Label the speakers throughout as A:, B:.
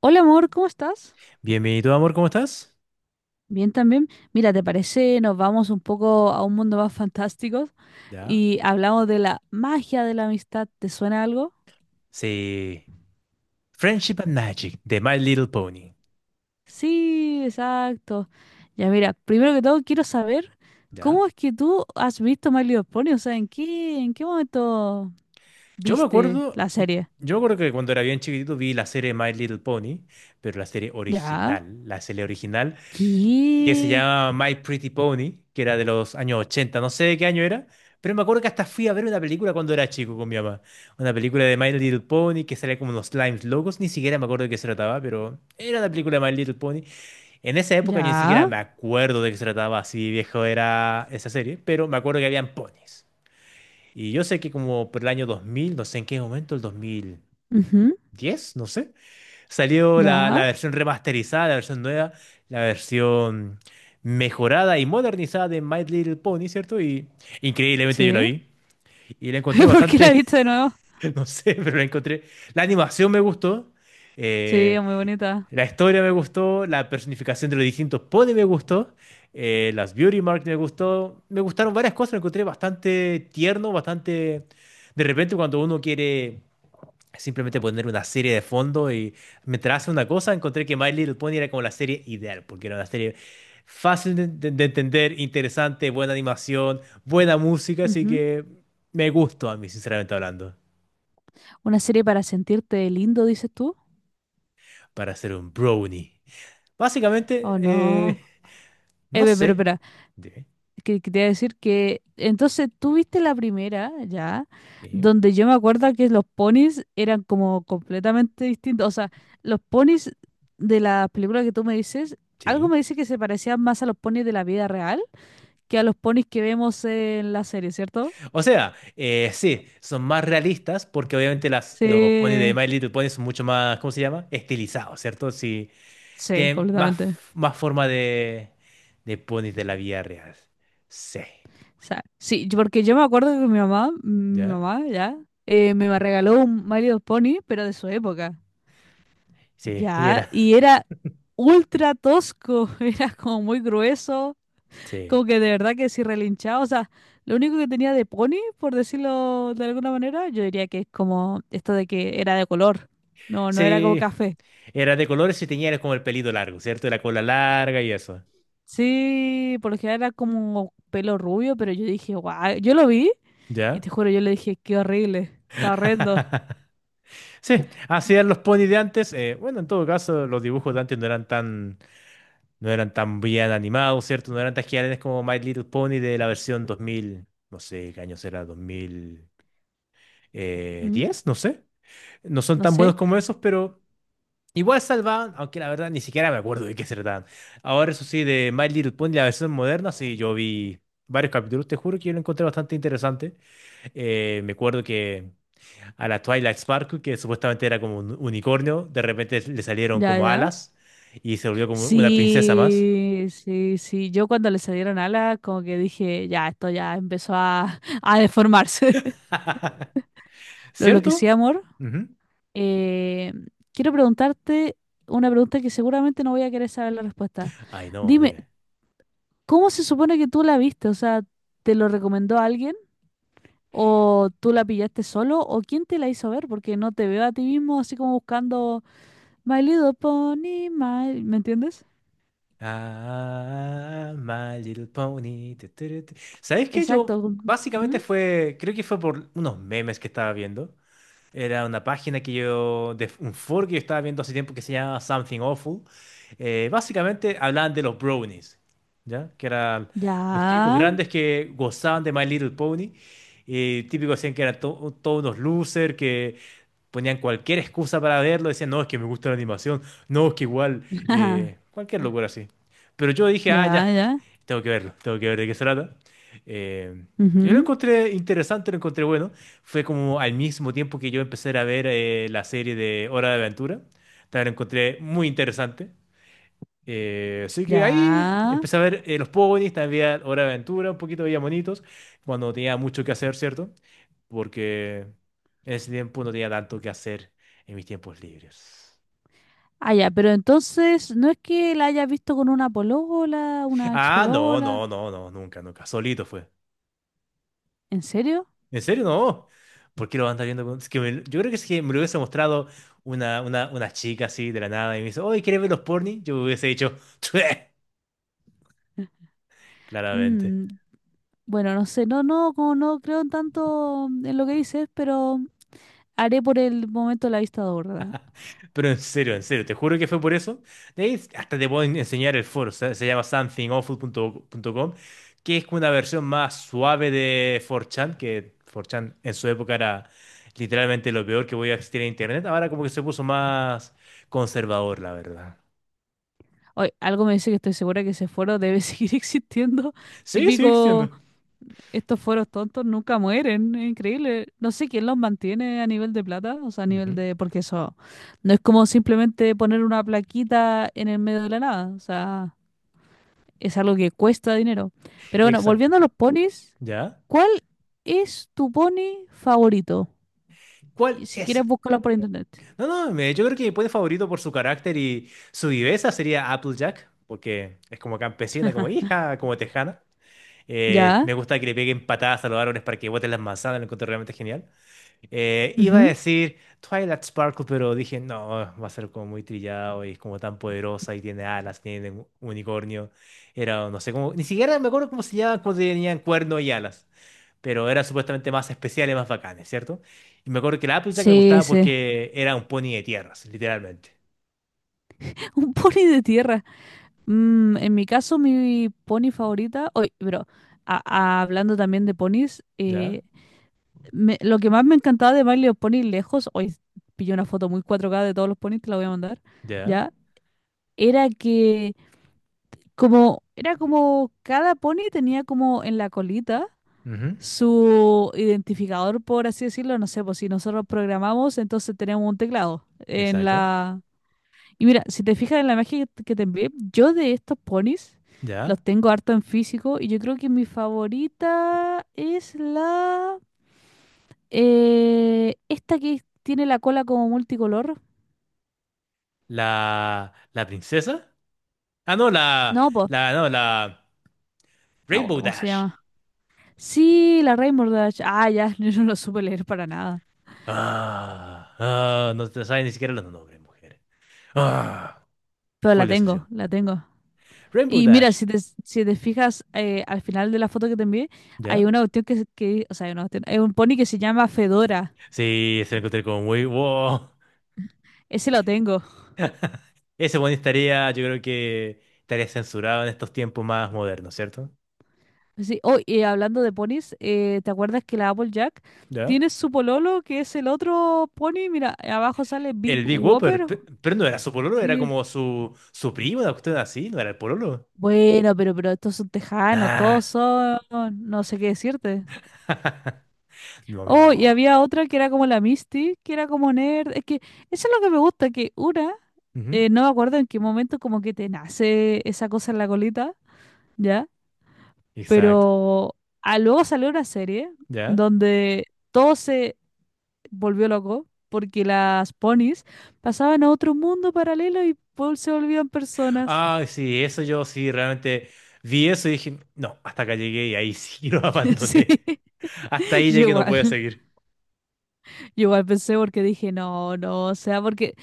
A: Hola amor, ¿cómo estás?
B: Bienvenido, amor, ¿cómo estás?
A: Bien también. Mira, ¿te parece? Nos vamos un poco a un mundo más fantástico
B: ¿Ya?
A: y hablamos de la magia de la amistad. ¿Te suena algo?
B: Sí. Friendship and Magic, de My Little Pony.
A: Sí, exacto. Ya mira, primero que todo quiero saber cómo
B: ¿Ya?
A: es que tú has visto My Little Pony, o sea, ¿en qué momento
B: Yo me
A: viste
B: acuerdo,
A: la serie?
B: yo me acuerdo que cuando era bien chiquitito vi la serie My Little Pony, pero la serie
A: Ya.
B: original, la serie original, que se
A: ¿Qué?
B: llama My Pretty Pony, que era de los años 80, no sé de qué año era, pero me acuerdo que hasta fui a ver una película cuando era chico con mi mamá. Una película de My Little Pony que salía como unos slimes locos, ni siquiera me acuerdo de qué se trataba, pero era una película de My Little Pony. En esa época yo ni siquiera
A: Ya.
B: me acuerdo de qué se trataba, así viejo era esa serie, pero me acuerdo que habían ponis. Y yo sé que como por el año 2000, no sé en qué momento, el 2010,
A: Ujú.
B: no sé, salió la
A: Ya.
B: versión remasterizada, la versión nueva, la versión mejorada y modernizada de My Little Pony, ¿cierto? Y increíblemente yo la
A: Sí.
B: vi y la encontré
A: ¿Por qué la
B: bastante,
A: viste de nuevo?
B: no sé, pero la encontré. La animación me gustó.
A: Sí,
B: Eh,
A: es muy bonita.
B: la historia me gustó, la personificación de los distintos ponies me gustó, las beauty marks me gustó, me gustaron varias cosas, lo encontré bastante tierno, bastante... De repente cuando uno quiere simplemente poner una serie de fondo y mientras hace una cosa, encontré que My Little Pony era como la serie ideal, porque era una serie fácil de entender, interesante, buena animación, buena música, así que me gustó a mí, sinceramente hablando,
A: ¿Una serie para sentirte lindo, dices tú?
B: para hacer un brownie. Básicamente,
A: ¿O no?
B: no
A: Ve, pero
B: sé.
A: espera,
B: Dime.
A: que quería decir que entonces tú viste la primera, ya,
B: Sí,
A: donde yo me acuerdo que los ponis eran como completamente distintos. O sea, los ponis de la película que tú me dices, algo
B: sí.
A: me dice que se parecían más a los ponis de la vida real que a los ponis que vemos en la serie, ¿cierto?
B: O sea, sí, son más realistas porque obviamente las, los ponis de
A: Sí,
B: My Little Pony son mucho más, ¿cómo se llama? Estilizados, ¿cierto? Sí,
A: sí,
B: tienen más,
A: completamente.
B: más forma de, ponis de la vida real. Sí,
A: O sea, sí, yo- porque yo me acuerdo que mi mamá, mi
B: ¿ya?
A: mamá ya, me regaló un My Little Pony, pero de su época,
B: Sí, y
A: ya,
B: era,
A: y era ultra tosco, era como muy grueso,
B: sí.
A: como que de verdad que sí relinchaba, o sea, lo único que tenía de pony, por decirlo de alguna manera, yo diría que es como esto de que era de color, no, no era como
B: Sí,
A: café.
B: era de colores y tenía era como el pelito largo, ¿cierto? Y la cola larga y eso,
A: Sí, por lo general era como pelo rubio, pero yo dije, guau, yo lo vi y
B: ¿ya?
A: te juro, yo le dije, qué horrible, está horrendo.
B: Sí, así eran los ponis de antes. Bueno, en todo caso, los dibujos de antes no eran tan bien animados, ¿cierto? No eran tan geniales como My Little Pony de la versión 2000, no sé qué año será,
A: ¿Mm?
B: 2010, no sé. No son
A: No
B: tan buenos
A: sé,
B: como esos, pero igual salvaban, aunque la verdad ni siquiera me acuerdo de qué se trataban. Ahora, eso sí, de My Little Pony, la versión moderna, sí, yo vi varios capítulos, te juro que yo lo encontré bastante interesante. Me acuerdo que a la Twilight Sparkle, que supuestamente era como un unicornio, de repente le salieron
A: ya,
B: como
A: ya.
B: alas y se volvió como una princesa más.
A: Sí, sí, sí. Yo cuando le salieron alas, como que dije, ya, esto ya empezó a, a deformarse. Lo que
B: ¿Cierto?
A: sí, amor,
B: Ujú.
A: eh, quiero preguntarte una pregunta que seguramente no voy a querer saber la respuesta.
B: Ay, no,
A: Dime,
B: dime.
A: ¿cómo se supone que tú la viste? O sea, ¿te lo recomendó alguien? ¿O tú la pillaste solo? ¿O quién te la hizo ver? Porque no te veo a ti mismo así como buscando My Little Pony, my... ¿Me entiendes?
B: Ah, My Little Pony. Tu, tu, tu, tu. ¿Sabes qué? Yo
A: Exacto.
B: Básicamente
A: ¿Mm?
B: fue, creo que fue por unos memes que estaba viendo. Era una página de un foro que yo estaba viendo hace tiempo que se llama Something Awful. Básicamente hablaban de los brownies, ¿ya? Que eran los tipos
A: Ya.
B: grandes que gozaban de My Little Pony. Y típico decían que eran todos unos losers, que ponían cualquier excusa para verlo. Decían, no, es que me gusta la animación, no, es que igual,
A: Ajá,
B: cualquier locura así. Pero yo dije, ah, ya,
A: ya, ya.
B: tengo que verlo, tengo que ver de qué se trata. Eh, yo lo
A: Ujú,
B: encontré interesante, lo encontré bueno, fue como al mismo tiempo que yo empecé a ver la serie de Hora de Aventura. También la encontré muy interesante. Así que ahí
A: ya.
B: empecé a ver los ponies, también veía Hora de Aventura, un poquito veía monitos, cuando no tenía mucho que hacer, ¿cierto? Porque en ese tiempo no tenía tanto que hacer en mis tiempos libres.
A: Ah, ya, pero entonces, ¿no es que la hayas visto con una polola, una ex?
B: Ah, no, no, no, no, nunca, nunca. Solito fue.
A: ¿En serio?
B: ¿En serio? No. ¿Por qué lo van a estar viendo? Es que yo creo que es que me lo hubiese mostrado una chica así de la nada y me dice, oye, ¿quieres ver los porni? Yo hubiese dicho, "Chue", claramente.
A: Mm, bueno, no sé, no, no, como no creo en tanto en lo que dices, pero haré por el momento la vista gorda.
B: Pero en serio, te juro que fue por eso. De ahí hasta te puedo enseñar el foro, se llama somethingawful punto com, que es como una versión más suave de 4chan, que 4chan en su época era literalmente lo peor que podía existir en internet. Ahora como que se puso más conservador, la verdad.
A: Hoy, algo me dice que estoy segura que ese foro debe seguir existiendo.
B: Sigue, sigue
A: Típico.
B: existiendo.
A: Estos fueros tontos nunca mueren, es increíble. No sé quién los mantiene a nivel de plata, o sea, a nivel
B: Ujú.
A: de... Porque eso no es como simplemente poner una plaquita en el medio de la nada, o sea, es algo que cuesta dinero. Pero bueno,
B: Exacto.
A: volviendo a los ponis,
B: ¿Ya?
A: ¿cuál es tu pony favorito?
B: ¿Cuál
A: Y si
B: es?
A: quieres, búscalo por internet.
B: No, no, yo creo que mi puente favorito por su carácter y su viveza sería Applejack, porque es como campesina, como hija, como tejana. Me
A: ¿Ya?
B: gusta que le peguen patadas a los árboles para que boten las manzanas, lo encuentro realmente genial. Iba a
A: Ujú.
B: decir Twilight Sparkle, pero dije, no, va a ser como muy trillado y es como tan poderosa y tiene alas, tiene un unicornio. Era, no sé cómo, ni siquiera me acuerdo cómo se llama cuando tenían cuerno y alas. Pero eran supuestamente más especiales, más bacanes, ¿cierto? Y me acuerdo que la Applejack me
A: Sí,
B: gustaba
A: sí.
B: porque era un pony de tierras, literalmente.
A: Un pony de tierra. Mm, en mi caso, mi pony favorita... Oye, pero... a- hablando también de ponis,
B: ¿Ya?
A: me- lo que más me encantaba de My los ponis lejos, hoy pillé una foto muy 4K de todos los ponis, te la voy a mandar,
B: ¿Ya?
A: ¿ya? Era que como, era como cada pony tenía como en la colita
B: Ujú.
A: su identificador, por así decirlo, no sé, pues si nosotros programamos, entonces tenemos un teclado en
B: Exacto.
A: la... Y mira, si te fijas en la imagen que te envié, yo de estos ponis los
B: ¿Ya?
A: tengo harto en físico y yo creo que mi favorita es la... esta que tiene la cola como multicolor.
B: La princesa. Ah, no, la,
A: No, pues,
B: la, no, la
A: no me
B: Rainbow
A: acuerdo cómo se
B: Dash.
A: llama. Sí, la Rainbow Dash. Ah, ya, yo no lo supe leer para nada.
B: Ah, no te saben ni siquiera los nombres, mujer. Ah,
A: Pero la
B: Full
A: tengo,
B: decepción.
A: la tengo.
B: Rainbow
A: Y mira,
B: Dash.
A: si te fijas, al final de la foto que te envié, hay
B: ¿Ya?
A: una cuestión que, se- que- o sea, hay una cuestión- hay un pony que se llama Fedora.
B: Sí, se lo encontré como muy wow.
A: Ese lo tengo.
B: Ese boni estaría, yo creo que estaría censurado en estos tiempos más modernos, ¿cierto?
A: Sí, oh, y hablando de ponis, ¿te acuerdas que la Applejack
B: ¿Ya?
A: tiene su pololo, que es el otro pony? Mira, abajo sale Bib
B: El Big Whopper,
A: Whopper.
B: pero no era su pololo, era
A: Sí.
B: como su primo, una cuestión así, no era el pololo.
A: Bueno, pero estos son tejanos,
B: Ah,
A: todos son, no sé qué decirte.
B: no, mi
A: Oh, y
B: amor.
A: había otra que era como la Misty, que era como nerd. Es que eso es lo que me gusta, que una,
B: Ujú.
A: no me acuerdo en qué momento como que te nace esa cosa en la colita, ¿ya?
B: Exacto,
A: Pero ah, luego salió una serie
B: ¿ya?
A: donde todo se volvió loco porque las ponis pasaban a otro mundo paralelo y Paul se volvían personas.
B: Ah, sí, eso yo sí realmente vi eso y dije, no, hasta acá llegué y ahí sí lo
A: Sí,
B: abandoné. Hasta ahí
A: yo
B: llegué, no podía
A: igual.
B: seguir.
A: Yo igual pensé porque dije, no, no, o sea, porque,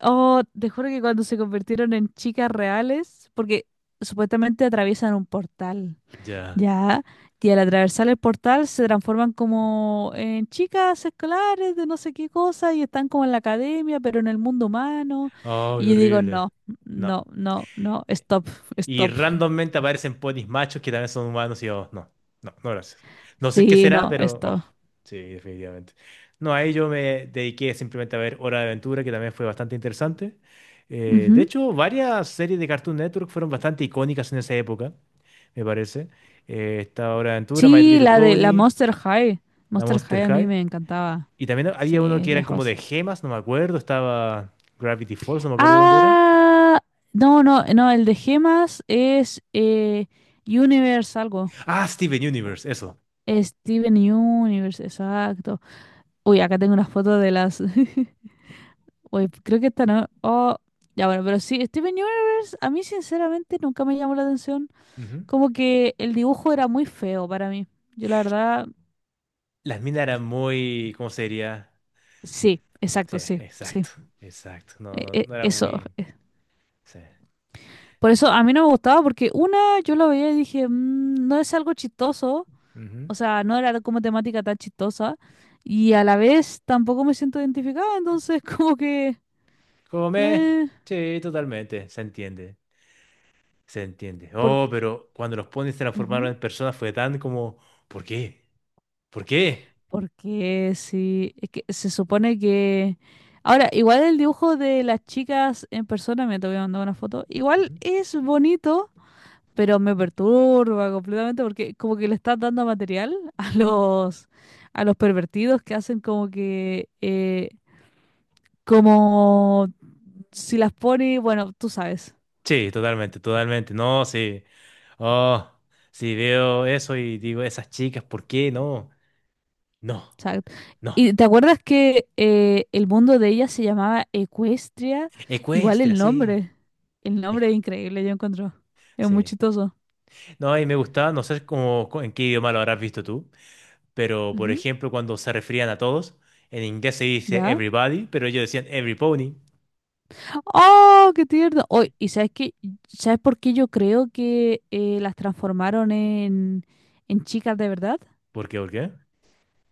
A: oh, te juro que cuando se convirtieron en chicas reales, porque supuestamente atraviesan un portal,
B: Ya.
A: ¿ya? Y al atravesar el portal se transforman como en chicas escolares de no sé qué cosa y están como en la academia, pero en el mundo humano.
B: Oh, qué
A: Y yo digo,
B: horrible.
A: no,
B: No.
A: no, no, no, stop,
B: Y
A: stop.
B: randommente aparecen ponis machos que también son humanos y yo, no, no, no gracias. No sé qué
A: Sí,
B: será,
A: no,
B: pero, oh,
A: stop.
B: sí, definitivamente. No, ahí yo me dediqué simplemente a ver Hora de Aventura, que también fue bastante interesante. De
A: Ujú.
B: hecho, varias series de Cartoon Network fueron bastante icónicas en esa época, me parece. Esta Hora de Aventura, My
A: Sí,
B: Little
A: la de la
B: Pony,
A: Monster High.
B: la
A: Monster
B: Monster
A: High a mí
B: High.
A: me encantaba.
B: Y también había uno
A: Sí,
B: que eran como de
A: lejos.
B: gemas, no me acuerdo. Estaba Gravity Falls, no me acuerdo de dónde era.
A: Ah, no, no, no, el de gemas es Universe algo.
B: Ah, Steven Universe, eso.
A: Steven Universe, exacto. Uy, acá tengo unas fotos de las... Uy, creo que esta no... Oh, ya bueno, pero sí, Steven Universe a mí sinceramente nunca me llamó la atención. Como que el dibujo era muy feo para mí. Yo la verdad,
B: Las minas eran muy, ¿cómo se diría?
A: sí,
B: Sí,
A: exacto, sí, sí.
B: exacto, exacto. No,
A: E-
B: no,
A: e-
B: no era
A: Eso.
B: muy. Sí.
A: Por eso a mí no me gustaba porque una, yo lo veía y dije, "Mm, no es algo chistoso.
B: Ujú.
A: O sea, no era como temática tan chistosa y a la vez tampoco me siento identificada, entonces como que...
B: Come.
A: eh,
B: Sí, totalmente. Se entiende. Se entiende.
A: por,
B: Oh, pero cuando los ponis se transformaron
A: ujú,
B: en personas fue tan como, ¿por qué? ¿Por qué?
A: porque sí, es que se supone que... Ahora, igual el dibujo de las chicas en persona, me te voy a mandar una foto, igual
B: Ujú.
A: es bonito, pero me perturba completamente porque como que le estás dando material a los pervertidos que hacen como que... como si las pone, bueno, tú sabes.
B: Sí, totalmente, totalmente. No, sí. Oh, sí, veo eso y digo, esas chicas, ¿por qué? No, no,
A: Exacto.
B: no.
A: ¿Y te acuerdas que el mundo de ella se llamaba Ecuestria? Igual
B: Ecuestria,
A: el
B: sí.
A: nombre. El
B: ecu-
A: nombre es increíble, yo encuentro. Es muy
B: sí.
A: chistoso.
B: No, y me gustaba, no sé cómo, en qué idioma lo habrás visto tú. Pero, por
A: Ujú.
B: ejemplo, cuando se referían a todos, en inglés se dice
A: ¿Ya?
B: everybody, pero ellos decían every pony.
A: ¡Oh, qué tierno! Oh, ¿y sabes qué? ¿Sabes por qué yo creo que las transformaron en chicas de verdad?
B: ¿Por qué? ¿Por qué?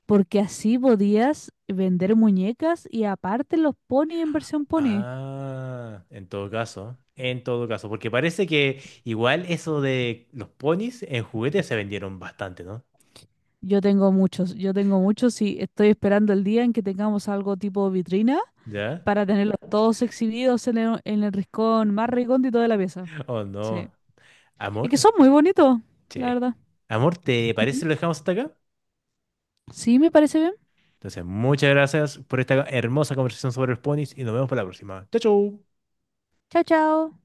A: Porque así podías vender muñecas y aparte los ponis en versión pony.
B: Ah, en todo caso, porque parece que igual eso de los ponis en juguetes se vendieron bastante, ¿no?
A: Yo tengo muchos y estoy esperando el día en que tengamos algo tipo vitrina
B: ¿Ya?
A: para tenerlos todos exhibidos en el rincón más recóndito de la pieza.
B: Oh, no.
A: Sí. Y que
B: Amor,
A: son muy bonitos, la
B: che.
A: verdad.
B: Amor, ¿te parece
A: Ujú.
B: si lo dejamos hasta acá?
A: Sí, me parece bien.
B: Entonces, muchas gracias por esta hermosa conversación sobre los ponis y nos vemos para la próxima. Chau, chau.
A: Chao, chao.